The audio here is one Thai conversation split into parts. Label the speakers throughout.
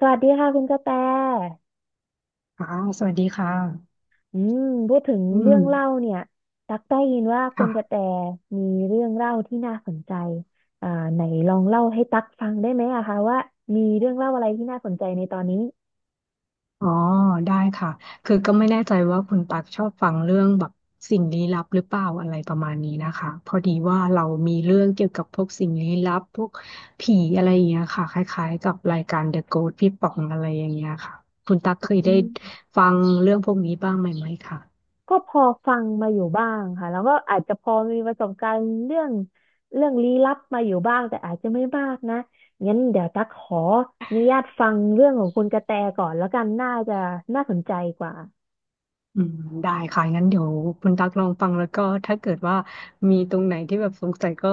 Speaker 1: สวัสดีค่ะคุณกระแต
Speaker 2: ค่ะสวัสดีค่ะ
Speaker 1: อืมพูดถึง
Speaker 2: อื
Speaker 1: เรื่อ
Speaker 2: ม
Speaker 1: งเล่าเนี่ยตักได้ยินว่าคุณกระแต
Speaker 2: ค่ะ
Speaker 1: มีเรื่องเล่าที่น่าสนใจอ่าไหนลองเล่าให้ตักฟังได้ไหมอะคะว่ามีเรื่องเล่าอะไรที่น่าสนใจในตอนนี้
Speaker 2: อ๋อได้ค่ะคือก็ไม่แน่ใจว่าคุณปักชอบฟังเรื่องแบบสิ่งลี้ลับหรือเปล่าอะไรประมาณนี้นะคะพอดีว่าเรามีเรื่องเกี่ยวกับพวกสิ่งลี้ลับพวกผีอะไรอย่างเงี้ยค่ะคล้ายๆกับรายการ The Ghost พี่ป๋องอะไรอย่างเงี้ยค่ะ คุณตักเคย
Speaker 1: อื
Speaker 2: ได้
Speaker 1: ม
Speaker 2: ฟังเรื่องพวกนี้บ้างไหมคะ
Speaker 1: ก็พอฟังมาอยู่บ้างค่ะแล้วก็อาจจะพอมีประสบการณ์เรื่องลี้ลับมาอยู่บ้างแต่อาจจะไม่มากนะ งั้นเดี๋ยวตักขออนุญาตฟังเรื่องของคุณกระแตก่อนแล้วกันน่าจะน่าสนใจกว่า
Speaker 2: อืมได้ค่ะงั้นเดี๋ยวคุณตักลองฟังแล้วก็ถ้าเกิดว่ามีตรงไหนที่แบบสงสัยก็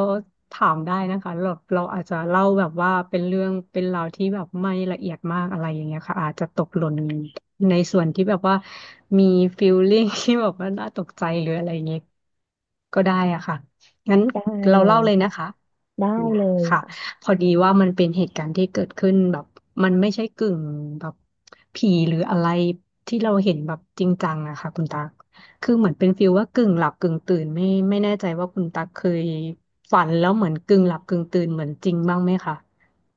Speaker 2: ถามได้นะคะเราอาจจะเล่าแบบว่าเป็นเรื่องเป็นราวที่แบบไม่ละเอียดมากอะไรอย่างเงี้ยค่ะอาจจะตกหล่นในส่วนที่แบบว่ามีฟีลลิ่ง ที่แบบว่าน่าตกใจหรืออะไรอย่างเงี้ยก็ได้อะค่ะงั้น
Speaker 1: ได้
Speaker 2: เรา
Speaker 1: เล
Speaker 2: เล่า
Speaker 1: ย
Speaker 2: เลย
Speaker 1: ค่ะ
Speaker 2: นะคะ
Speaker 1: ได้
Speaker 2: นะ
Speaker 1: เลย
Speaker 2: ค่ะ
Speaker 1: ค่ะ
Speaker 2: พอดีว่ามันเป็นเหตุการณ์ที่เกิดขึ้นแบบมันไม่ใช่กึ่งแบบผีหรืออะไรที่เราเห็นแบบจริงจังอะค่ะคุณตักคือเหมือนเป็นฟีลว่ากึ่งหลับกึ่งตื่นไม่แน่ใจว่าคุณตักเคยฝันแล้วเหมือนกึ่งหลับกึ่งตื่นเหมือนจริงบ้างไหมคะ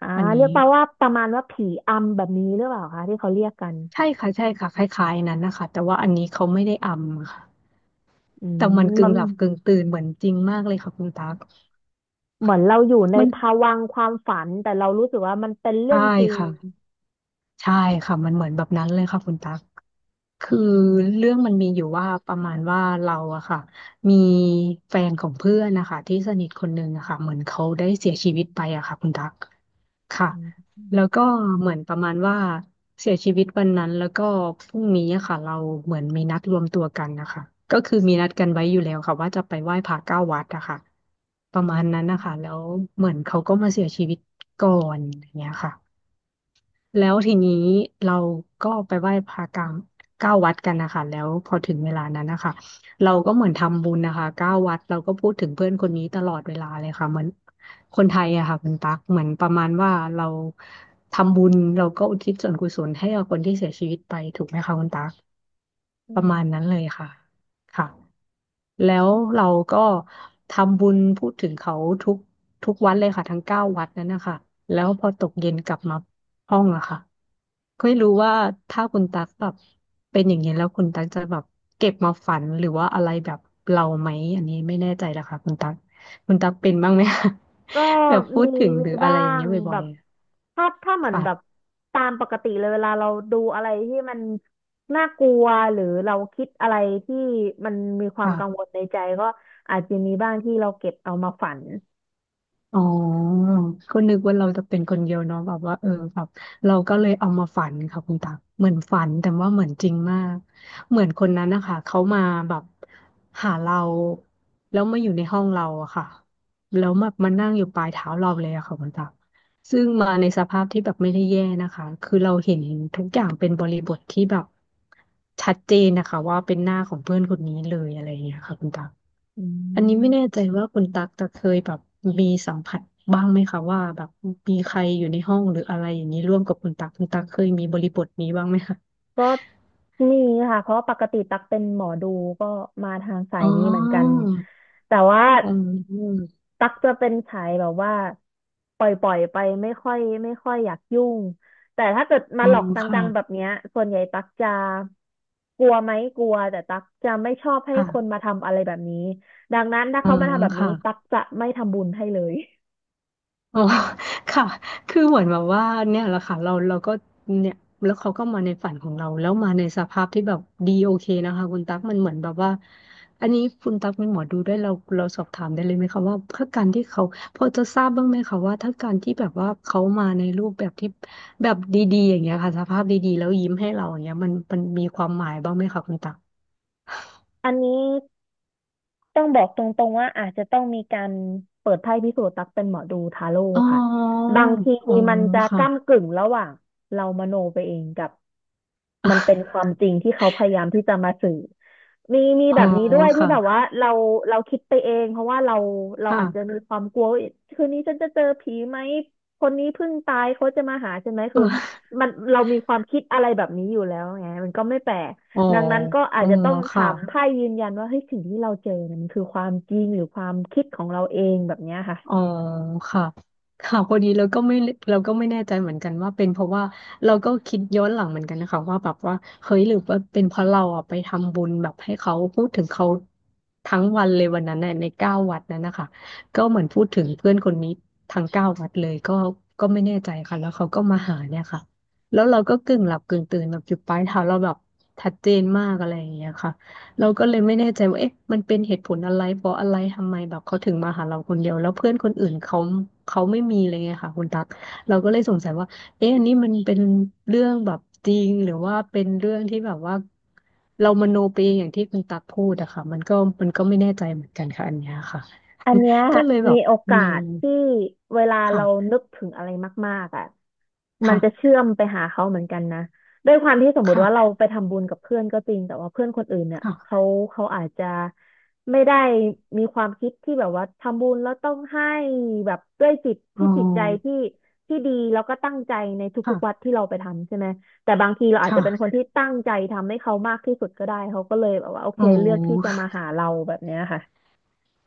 Speaker 1: อ่า
Speaker 2: อันนี้
Speaker 1: เรียกมาว่าประมาณว่าผีอำแบบนี้หรือเปล่าคะที่เขาเรียกกัน
Speaker 2: ใช่ค่ะใช่ค่ะคล้ายๆนั้นนะคะแต่ว่าอันนี้เขาไม่ได้อำค่ะ
Speaker 1: อื
Speaker 2: แต่มันกึ่
Speaker 1: มั
Speaker 2: ง
Speaker 1: น
Speaker 2: หลับกึ่งตื่นเหมือนจริงมากเลยค่ะคุณตัก
Speaker 1: เหมือนเราอยู่ใน
Speaker 2: มัน
Speaker 1: ภวังค์ความฝันแต่เรารู้สึกว่ามันเป็นเรื่
Speaker 2: ใช่
Speaker 1: องจริง
Speaker 2: ค่ะใช่ค่ะมันเหมือนแบบนั้นเลยค่ะคุณตัก คือ
Speaker 1: อืม
Speaker 2: เรื่องมันมีอยู่ว่าประมาณว่าเราอะค่ะมีแฟนของเพื่อนนะคะที่สนิทคนหนึ่งอะค่ะเหมือนเขาได้เสียชีวิตไปอะค่ะคุณตักค่ะ
Speaker 1: อืม
Speaker 2: แล้วก็เหมือนประมาณว่าเสียชีวิตวันนั้นแล้วก็พรุ่งนี้อะค่ะเราเหมือนมีนัดรวมตัวกันนะคะก็คือมีนัดกันไว้อยู่แล้วค่ะว่าจะไปไหว้พระเก้าวัดอะค่ะประ
Speaker 1: อื
Speaker 2: มา
Speaker 1: ม
Speaker 2: ณนั้น
Speaker 1: อื
Speaker 2: นะ
Speaker 1: ม
Speaker 2: คะแล้วเหมือนเขาก็มาเสียชีวิตก่อนอย่างเงี้ยค่ะ แล้วทีนี้เราก็ไปไหว้พระกลางเก้าวัดกันนะคะแล้วพอถึงเวลานั้นนะคะเราก็เหมือนทำบุญนะคะเก้าวัดเราก็พูดถึงเพื่อนคนนี้ตลอดเวลาเลยค่ะเหมือนคนไทยอะค่ะคุณตั๊กเหมือนประมาณว่าเราทำบุญเราก็อุทิศส่วนกุศลให้กับคนที่เสียชีวิตไปถูกไหมคะคุณตั๊ก
Speaker 1: อื
Speaker 2: ประ
Speaker 1: ม
Speaker 2: มาณนั้นเลยค่ะค่ะ แล้วเราก็ทำบุญพูดถึงเขาทุกทุกวัดเลยค่ะทั้งเก้าวัดนั้นนะคะแล้วพอตกเย็นกลับมาห้องอะค่ะก็ไม่รู้ว่าถ้าคุณตักแบบเป็นอย่างนี้ยแล้วคุณตักจะแบบเก็บมาฝันหรือว่าอะไรแบบเราไหมอันนี้ไม่แน่ใจละค่ะคุณตักคุณตักเป็นบ้างไหมคะ
Speaker 1: ก็
Speaker 2: แบบพูด
Speaker 1: มี
Speaker 2: ถึง
Speaker 1: มี
Speaker 2: หรืออะ
Speaker 1: บ้า
Speaker 2: ไรอย่าง
Speaker 1: ง
Speaker 2: เงี้ยบ่
Speaker 1: แบ
Speaker 2: อย
Speaker 1: บถ้าเห
Speaker 2: ๆ
Speaker 1: มือนแบบ
Speaker 2: ค่ะ
Speaker 1: ตามปกติเลยเวลาเราดูอะไรที่มันน่ากลัวหรือเราคิดอะไรที่มันมีความกังวล
Speaker 2: ค่ะ
Speaker 1: ในใจก็อาจจะมีบ้างที่เราเก็บเอามาฝัน
Speaker 2: อ๋อก็นึกว่าเราจะเป็นคนเดียวเนาะแบบว่าเออแบบเราก็เลยเอามาฝันค่ะคุณตักเหมือนฝันแต่ว่าเหมือนจริงมากเหมือนคนนั้นนะคะเขามาแบบหาเราแล้วมาอยู่ในห้องเราอะค่ะแล้วมานั่งอยู่ปลายเท้าเราเลยอะค่ะคุณตักซึ่งมาในสภาพที่แบบไม่ได้แย่นะคะคือเราเห็นทุกอย่างเป็นบริบทที่แบบชัดเจนนะคะว่าเป็นหน้าของเพื่อนคนนี้เลยอะไรอย่างเงี้ยค่ะคุณตัก
Speaker 1: อื
Speaker 2: อันนี้ไม่แน่
Speaker 1: ม
Speaker 2: ใจว่าคุณตักจะเคยแบบมีสัมผัสบ้างไหมคะว่าแบบมีใครอยู่ในห้องหรืออะไรอย่างนี้ร่วมกับคุณตักคุณตักเคยมีบริบทนี้บ้างไหมคะ
Speaker 1: ก็นี่ค่ะเพราะปกติตักเป็นหมอดูก็มาทางสา
Speaker 2: อ๋
Speaker 1: ยนี้เหมือนกัน
Speaker 2: อ
Speaker 1: แต่ว่า
Speaker 2: อืม
Speaker 1: ตักจะเป็นสายแบบว่าปล่อยปล่อยไปไม่ค่อยอยากยุ่งแต่ถ้าเกิดมา
Speaker 2: อื
Speaker 1: หลอ
Speaker 2: ม
Speaker 1: ก
Speaker 2: ค่ะ
Speaker 1: จังๆแบบเนี้ยส่วนใหญ่ตักจะกลัวไหมกลัวแต่ตักจะไม่ชอบให้คน
Speaker 2: ค่ะ
Speaker 1: มาทำอะไรแบบนี้ดังนั้นถ้า
Speaker 2: อื
Speaker 1: เขามา
Speaker 2: ม
Speaker 1: ทำแบบนี้
Speaker 2: ค่ะ
Speaker 1: ตักจะไม่ทำบุญให้เลย
Speaker 2: อ๋อ ค่ะ คือเหมือนแบบว่าเนี่ยแหละค่ะเราก็เนี่ยแล้วเขาก็มาในฝันของเราแล้วมาในสภาพที่แบบดีโอเคนะคะคุณตั๊กมันเหมือนแบบว่าอันนี้คุณตั๊กเป็นหมอดูได้วยเราสอบถามได้เลยไหมคะว่าถ้าการที่เขาพอจะทราบบ้างไหมคะว่าถ้าการที่แบบว่าเขามาในรูปแบบที่แบบดีๆอย่างเงี้ยค่ะสภาพดีๆแล้วยิ้มให้เราอย่างเงี้ยมันมีความหมายบ้างไหมคะคุณตั๊ก
Speaker 1: อันนี้ ต้องบอกตรงๆว่าอาจจะต้องมีการเปิดไพ่พิสูจน์รักเป็นหมอดูทาโร่
Speaker 2: อ๋
Speaker 1: ค่ะ
Speaker 2: อ
Speaker 1: บางที
Speaker 2: อ๋อ
Speaker 1: มันจะ
Speaker 2: ค่ะ
Speaker 1: ก้ำกึ่งระหว่างเรามโนไปเองกับ มันเป็นความ จริงที่เขาพยายามที่จะมาสื่อ มี
Speaker 2: อ๋
Speaker 1: แบ
Speaker 2: อ
Speaker 1: บนี้ด้วยที่
Speaker 2: ค่ะ
Speaker 1: แบบว่าเราคิดไปเองเพราะว่าเรา
Speaker 2: ค่ะ
Speaker 1: อาจจะมีความกลัวว่าคืนนี้ฉันจะเจอผีไหมคนนี้เพิ่งตายเขาจะมาหาใช่ไหม
Speaker 2: เอ
Speaker 1: คือ
Speaker 2: อ
Speaker 1: มันเรามีความคิดอะไรแบบนี้อยู่แล้วไงมันก็ไม่แปลก
Speaker 2: อ๋อ
Speaker 1: ดังนั้นก็อา
Speaker 2: อ๋
Speaker 1: จ
Speaker 2: อ
Speaker 1: จะต้องถา
Speaker 2: ค่ะ
Speaker 1: มไพ่ยืนยันว่าเฮ้ยสิ่งที่เราเจอเนี่ยมันคือความจริงหรือความคิดของเราเองแบบเนี้ยค่ะ
Speaker 2: อ๋อค่ะค่ะพอดีเราก็ไม่เราก็ไม่แน่ใจเหมือนกันว่าเป็นเพราะว่าเราก็คิดย้อนหลังเหมือนกันนะคะว่าแบบว่าเฮ้ยหรือว่าเป็นเพราะเราอ่ะไปทำบุญแบบให้เขาพูดถึงเขาทั้งวันเลยวันนั้นน่ะในเก้าวัดนั้นนะคะก็เหมือนพูดถึงเพื่อนคนนี้ทั้งเก้าวัดเลยก็ก็ไม่แน่ใจค่ะแล้วเขาก็มาหาเนี่ยค่ะแล้วเราก็กึ่งหลับกึ่งตื่นแบบอยู่ปลายเท้าเราแบบชัดเจนมากอะไรอย่างเงี้ยค่ะ เราก็เลยไม่แน่ใจว่าเอ๊ะมันเป็นเหตุผลอะไรเพราะอะไรทำไมแบบเขาถึงมาหาเราคนเดียวแล้วเพื่อนคนอื่นเขาเขาไม่มีอะไรเงี้ยค่ะคุณตั๊กเราก็เลยสงสัยว่าเอ๊ะอันนี้มันเป็นเรื่องแบบจริงหรือว่าเป็นเรื่องที่แบบว่าเรามโนไปเองอย่างที่คุณตั๊กพูดอะค่ะมันก็มันก็ไม่แน่ใจเหมือนกันค่ะอันเนี้ยค่ะ
Speaker 1: อันเนี้ย
Speaker 2: ก็เลยแบ
Speaker 1: มี
Speaker 2: บ
Speaker 1: โอ
Speaker 2: อื
Speaker 1: กา
Speaker 2: ม
Speaker 1: สที่เวลาเรา
Speaker 2: ค่ะ
Speaker 1: นึกถึงอะไรมากๆอ่ะ มันจะ
Speaker 2: ค่ะ
Speaker 1: เชื่อมไปหาเขาเหมือนกันนะด้วยความที่สมมุติ
Speaker 2: ค่ะ
Speaker 1: ว่าเราไปทำบุญกับเพื่อนก็จริงแต่ว่าเพื่อนคนอื่นเนี่ย
Speaker 2: ค่ะ
Speaker 1: เขาอาจจะไม่ได้มีความคิดที่แบบว่าทำบุญแล้วต้องให้แบบด้วยจิต
Speaker 2: อ๋อ
Speaker 1: ที่จิตใจที่ที่ดีแล้วก็ตั้งใจในทุ
Speaker 2: ค่ะ
Speaker 1: กๆวัดที่เราไปทำใช่ไหมแต่บางทีเราอาจ
Speaker 2: ค่ะ
Speaker 1: จะเป็นคนที่ตั้งใจทำให้เขามากที่สุดก็ได้เขาก็เลยแบบว่าโอเค
Speaker 2: อ๋อ
Speaker 1: เลือกที่จะมาหาเราแบบเนี้ยค่ะ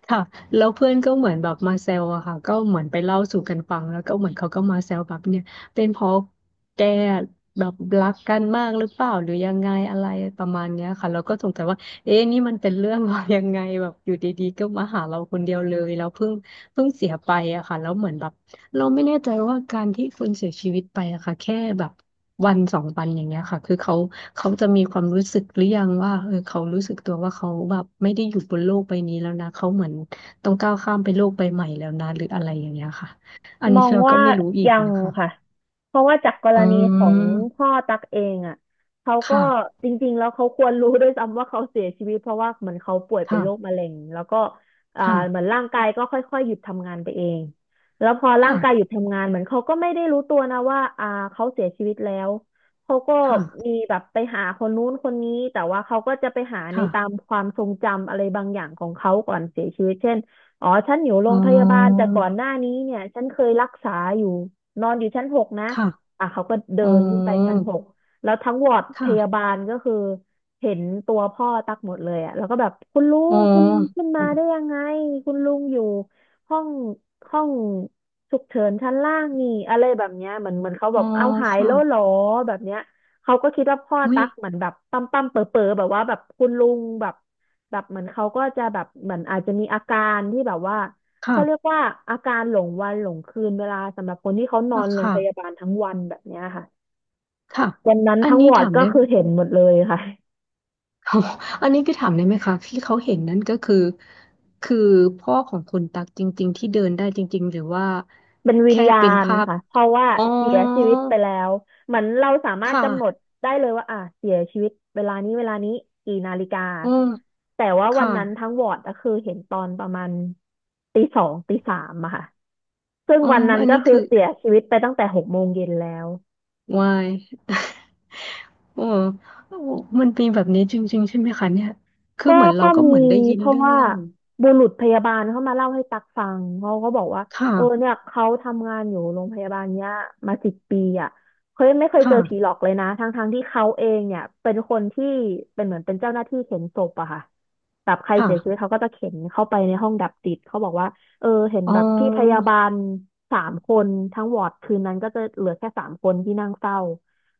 Speaker 2: ค่ะแล้วเพื่อนก็เหมือนแบบมาแซวอะค่ะก็เหมือนไปเล่าสู่กันฟังแล้วก็เหมือนเขาก็มาแซวแบบเนี่ยเป็นเพราะแกแบบรักกันมากหรือเปล่าหรือยังไงอะไรประมาณเนี้ยค่ะเราก็สงสัยว่าเอ๊ะนี่มันเป็นเรื่อง ว่ายังไงแบบอยู่ดีๆก็มาหาเราคนเดียวเลยแล้วเพิ่งเสียไปอะค่ะแล้วเหมือนแบบ เราไม่แน่ใจว่าการที่คนเสียชีวิตไปอะค่ะแค่แบบวันสองวันอย่างเงี้ยค่ะคือเขาจะมีความรู้สึกหรือยังว่าเออเขารู้สึกตัวว่าเขาแบบไม่ได้อยู่บนโลกใบนี้แล้วนะเขาเหมือนต้องก้าวข้ามไปโลกใบใหม่แล้วนะหรืออะไรอย่างเงี้ยค่ะอัน
Speaker 1: มอ
Speaker 2: นี้
Speaker 1: ง
Speaker 2: เราก็
Speaker 1: ว่า
Speaker 2: ไม่รู้อีก
Speaker 1: ยัง
Speaker 2: นะคะ
Speaker 1: ค่ะเพราะว่าจากกร
Speaker 2: อ๋
Speaker 1: ณีของ
Speaker 2: อ
Speaker 1: พ่อตักเองอ่ะเขา
Speaker 2: ค
Speaker 1: ก็
Speaker 2: ่ะ
Speaker 1: จริงๆแล้วเขาควรรู้ด้วยซ้ำว่าเขาเสียชีวิตเพราะว่าเหมือนเขาป่วยเป็นโรค
Speaker 2: ค่ะ
Speaker 1: มะเร็งแล้วก็อ่า
Speaker 2: ค่ะ
Speaker 1: เหมือนร่างกายก็ค่อยๆหยุดทำงานไปเองแล้วพอร่าง
Speaker 2: ค่ะ
Speaker 1: กายหยุดทำงานเหมือนเขาก็ไม่ได้รู้ตัวนะว่าเขาเสียชีวิตแล้วเขาก็มี
Speaker 2: ค่ะ
Speaker 1: แบบไปหาคนนู้นคนนี้แต่ว่าเขาก็จะไปหาใน
Speaker 2: ค่ะ
Speaker 1: ตามความทรงจำอะไรบางอย่างของเขาก่อนเสียชีวิตเช่น อ๋อฉันอยู่โร
Speaker 2: อ๋
Speaker 1: งพยาบาล
Speaker 2: อ
Speaker 1: แต่ก่อนหน้านี้เนี่ยฉันเคยรักษาอยู่นอนอยู่ชั้นหกนะ
Speaker 2: ค่ะ
Speaker 1: อ่ะเขาก็เดิ
Speaker 2: อ๋อ
Speaker 1: นขึ้นไปชั้นหกแล้วทั้งวอร์ดพยา
Speaker 2: ค่ะ
Speaker 1: บาลก็คือเห็นตัวพ่อตักหมดเลยอ่ะแล้วก็แบบคุณลุ
Speaker 2: อ๋อ
Speaker 1: งคุณลุงขึ้นมาได้ยังไงคุณลุงอยู่ห้องห้องฉุกเฉินชั้นล่างนี่อะไรแบบเนี้ยเหมือนเขาแบ
Speaker 2: อ๋อ
Speaker 1: บเอาหาย
Speaker 2: ค่ะ
Speaker 1: แล้วเหรอแบบเนี้ยเขาก็คิดว่าพ่อ
Speaker 2: อุ้ย
Speaker 1: ตักเหมือนแบบปั๊มปั๊มเป๋อเป๋อแบบว่าแบบคุณลุงแบบ แบบเหมือนเขาก็จะแบบเหมือนอาจจะมีอาการที่แบบว่า
Speaker 2: ค่ะ
Speaker 1: เขาเรียกว่าอาการหลงวันหลงคืนเวลาสำหรับคนที่เขานอ
Speaker 2: อ่ะ
Speaker 1: นโรง
Speaker 2: ค่ะ
Speaker 1: พยาบาลทั้งวันแบบเนี้ยค่ะ
Speaker 2: ค่ะ
Speaker 1: วันนั้น
Speaker 2: อัน
Speaker 1: ทั้งว
Speaker 2: นี้
Speaker 1: อร์ด
Speaker 2: ถาม
Speaker 1: ก็
Speaker 2: ได้
Speaker 1: คือเห็นหมดเลยค่ะ
Speaker 2: อันนี้คือถามได้ไหมคะที่เขาเห็นนั่นก็คือคือพ่อของคุณตักจริงๆที่เดินได้จริงๆหรือว่า
Speaker 1: เป็นวิญ
Speaker 2: แค่
Speaker 1: ญา
Speaker 2: เป็น
Speaker 1: ณ
Speaker 2: ภาพ
Speaker 1: ค่ะเพราะว่า
Speaker 2: อ๋อ
Speaker 1: เสียชีวิตไปแล้วเหมือนเราสามา
Speaker 2: ค
Speaker 1: รถกำหนด
Speaker 2: ่ะ
Speaker 1: ได้เลยว่าอ่ะเสียชีวิตเวลานี้เวลานี้กี่นาฬิกา
Speaker 2: อืม
Speaker 1: แต่ว่าวั
Speaker 2: ค่ะ
Speaker 1: นนั้นทั้งวอร์ดก็คือเห็นตอนประมาณตีสองตีสามอะค่ะซึ่ง
Speaker 2: อ๋อ
Speaker 1: วันนั้น
Speaker 2: อัน
Speaker 1: ก็
Speaker 2: นี้
Speaker 1: คือ
Speaker 2: คือ
Speaker 1: เสียชีวิตไปตั้งแต่หกโมงเย็นแล้ว
Speaker 2: วาย โอ้ โอ้มันมีแบบนี้จริงๆใช่ไหมคะเนี่ยคือ
Speaker 1: ก็
Speaker 2: เหมือนเรา
Speaker 1: ก็
Speaker 2: ก็
Speaker 1: มี
Speaker 2: เหมือนได้ยิน
Speaker 1: เพราะ
Speaker 2: เรื่อง
Speaker 1: ว่า
Speaker 2: เล่า
Speaker 1: บุรุษพยาบาลเขามาเล่าให้ตักฟังเขาก็บอกว่า
Speaker 2: ค
Speaker 1: เออเนี่
Speaker 2: ่ะ
Speaker 1: ยเขาทำงานอยู่โรงพยาบาลเนี้ยมาสิบปีอ่ะเขายไม่เคยเจอผีหล
Speaker 2: ค่ะ
Speaker 1: อกเลยนะทั้งที่เขาเองเนี่ยเป็นคนที่เป็นเหมือนเป็นเจ้าหน้าที่เข็นศพอะค่ะแบบใคร
Speaker 2: ค่ะ
Speaker 1: เสียชีวิตเขาก็จะเข็นเข้าไปในห้องดับจิตเขาบอกว่าเออเห็น
Speaker 2: อ๋อ
Speaker 1: แบบพี่พยาบาลสามคนทั้งวอร์ดคืนนั้นก็จะเหลือแค่สามคนที่นั่งเฝ้า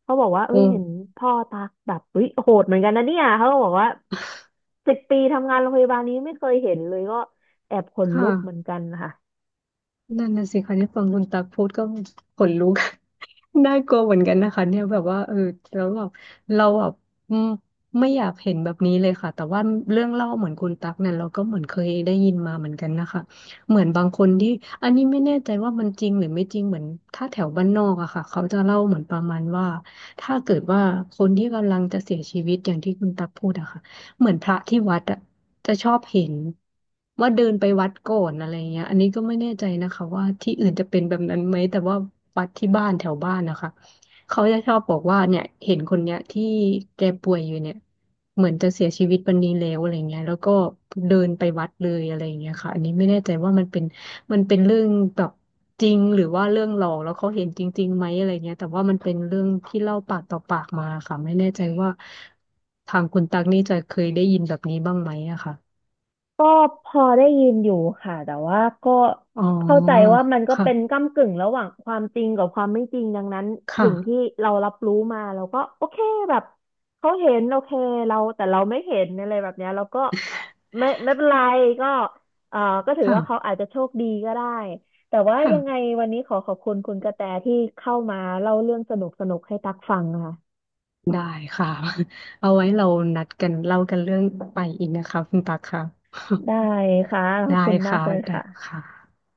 Speaker 1: เขาบอกว่าเอ้
Speaker 2: โอ้
Speaker 1: ยเห็นพ่อตักแบบเฮ้ยโหดเหมือนกันนะเนี่ยเขาก็บอกว่า สิบปีทำงานโรงพยาบาลนี้ไม่เคยเห็นเลยก็แอบขน
Speaker 2: ค่ะ
Speaker 1: ลุกเหมือนกันค่ะ
Speaker 2: นั่นน่ะสิคะเนี่ยฟังคุณตักพูดก็ขนลุก น่ากลัวเหมือนกันนะคะเนี่ยแบบว่าเออแล้วแบบเราแบบอืมไม่อยากเห็นแบบนี้เลยค่ะแต่ว่าเรื่องเล่าเหมือนคุณตักเนี่ยเราก็เหมือนเคยได้ยินมาเหมือนกันนะคะเหมือนบางคนที่อันนี้ไม่แน่ใจว่ามันจริงหรือไม่จริงเหมือนถ้าแถวบ้านนอกอะค่ะเขาจะเล่าเหมือนประมาณว่าถ้าเกิดว่าคนที่กำลังจะเสียชีวิตอย่างที่คุณตักพูดอะค่ะ เหมือนพระที่วัดอะจะชอบเห็นว่าเดินไปวัดก่อนอะไรเงี้ยอันนี้ก็ไม่แน่ใจนะคะว่าที่อื่นจะเป็นแบบนั้นไหมแต่ว่าวัดที่บ้านแถวบ้านนะคะเขาจะชอบบอกว่าเนี่ยเห็นคนเนี้ยที่แกป่วยอยู่เนี่ยเหมือนจะเสียชีวิตวันนี้แล้วอะไรเงี้ยแล้วก็เดินไปวัดเลยอะไรเงี้ยค่ะอันนี้ไม่แน่ใจว่ามันเป็น เรื่องแบบจริงหรือว่าเรื่องหลอกแล้วเขาเห็นจริงๆไหมอะไรเงี้ยแต่ว่ามันเป็นเรื่องที่เล่าปากต่อปากมาค่ะไม่แน่ใจว่าทางคุณตักนี่จะเคยได้ยินแบบนี้บ้างไหมอะค่ะ
Speaker 1: ก็พอได้ยินอยู่ค่ะแต่ว่าก็
Speaker 2: อ๋อ
Speaker 1: เข้าใจว่ามันก็เป็น
Speaker 2: ค่ะ
Speaker 1: ก้ำกึ่งระหว่างความจริงกับความไม่จริงดังนั้น
Speaker 2: ค่ะ
Speaker 1: สิ่งที่เรารับรู้มาเราก็โอเคแบบเขาเห็นโอเคเราแต่เราไม่เห็นอะไรแบบเนี้ยเราก็ไม่เป็นไรก็เอ่อก็ถือว่าเขา
Speaker 2: ค่ะ
Speaker 1: อาจจะโชคดีก็ได้แต่ว่ายังไง
Speaker 2: ค่ะ
Speaker 1: วันนี้ขอบคุณคุณกระแตที่เข้ามาเล่าเรื่องสนุกสนุกให้ตักฟังค่ะ
Speaker 2: ได้ค่ะ เอาไว้เรานัดกันเล่ากันเรื่องไปอีกนะคะคุณตักค่ะ
Speaker 1: ได้ค่ะ ขอ
Speaker 2: ได้
Speaker 1: บคุณมา
Speaker 2: ค่ะ
Speaker 1: กเลย
Speaker 2: ได้ค
Speaker 1: ค่ะ
Speaker 2: ่ะ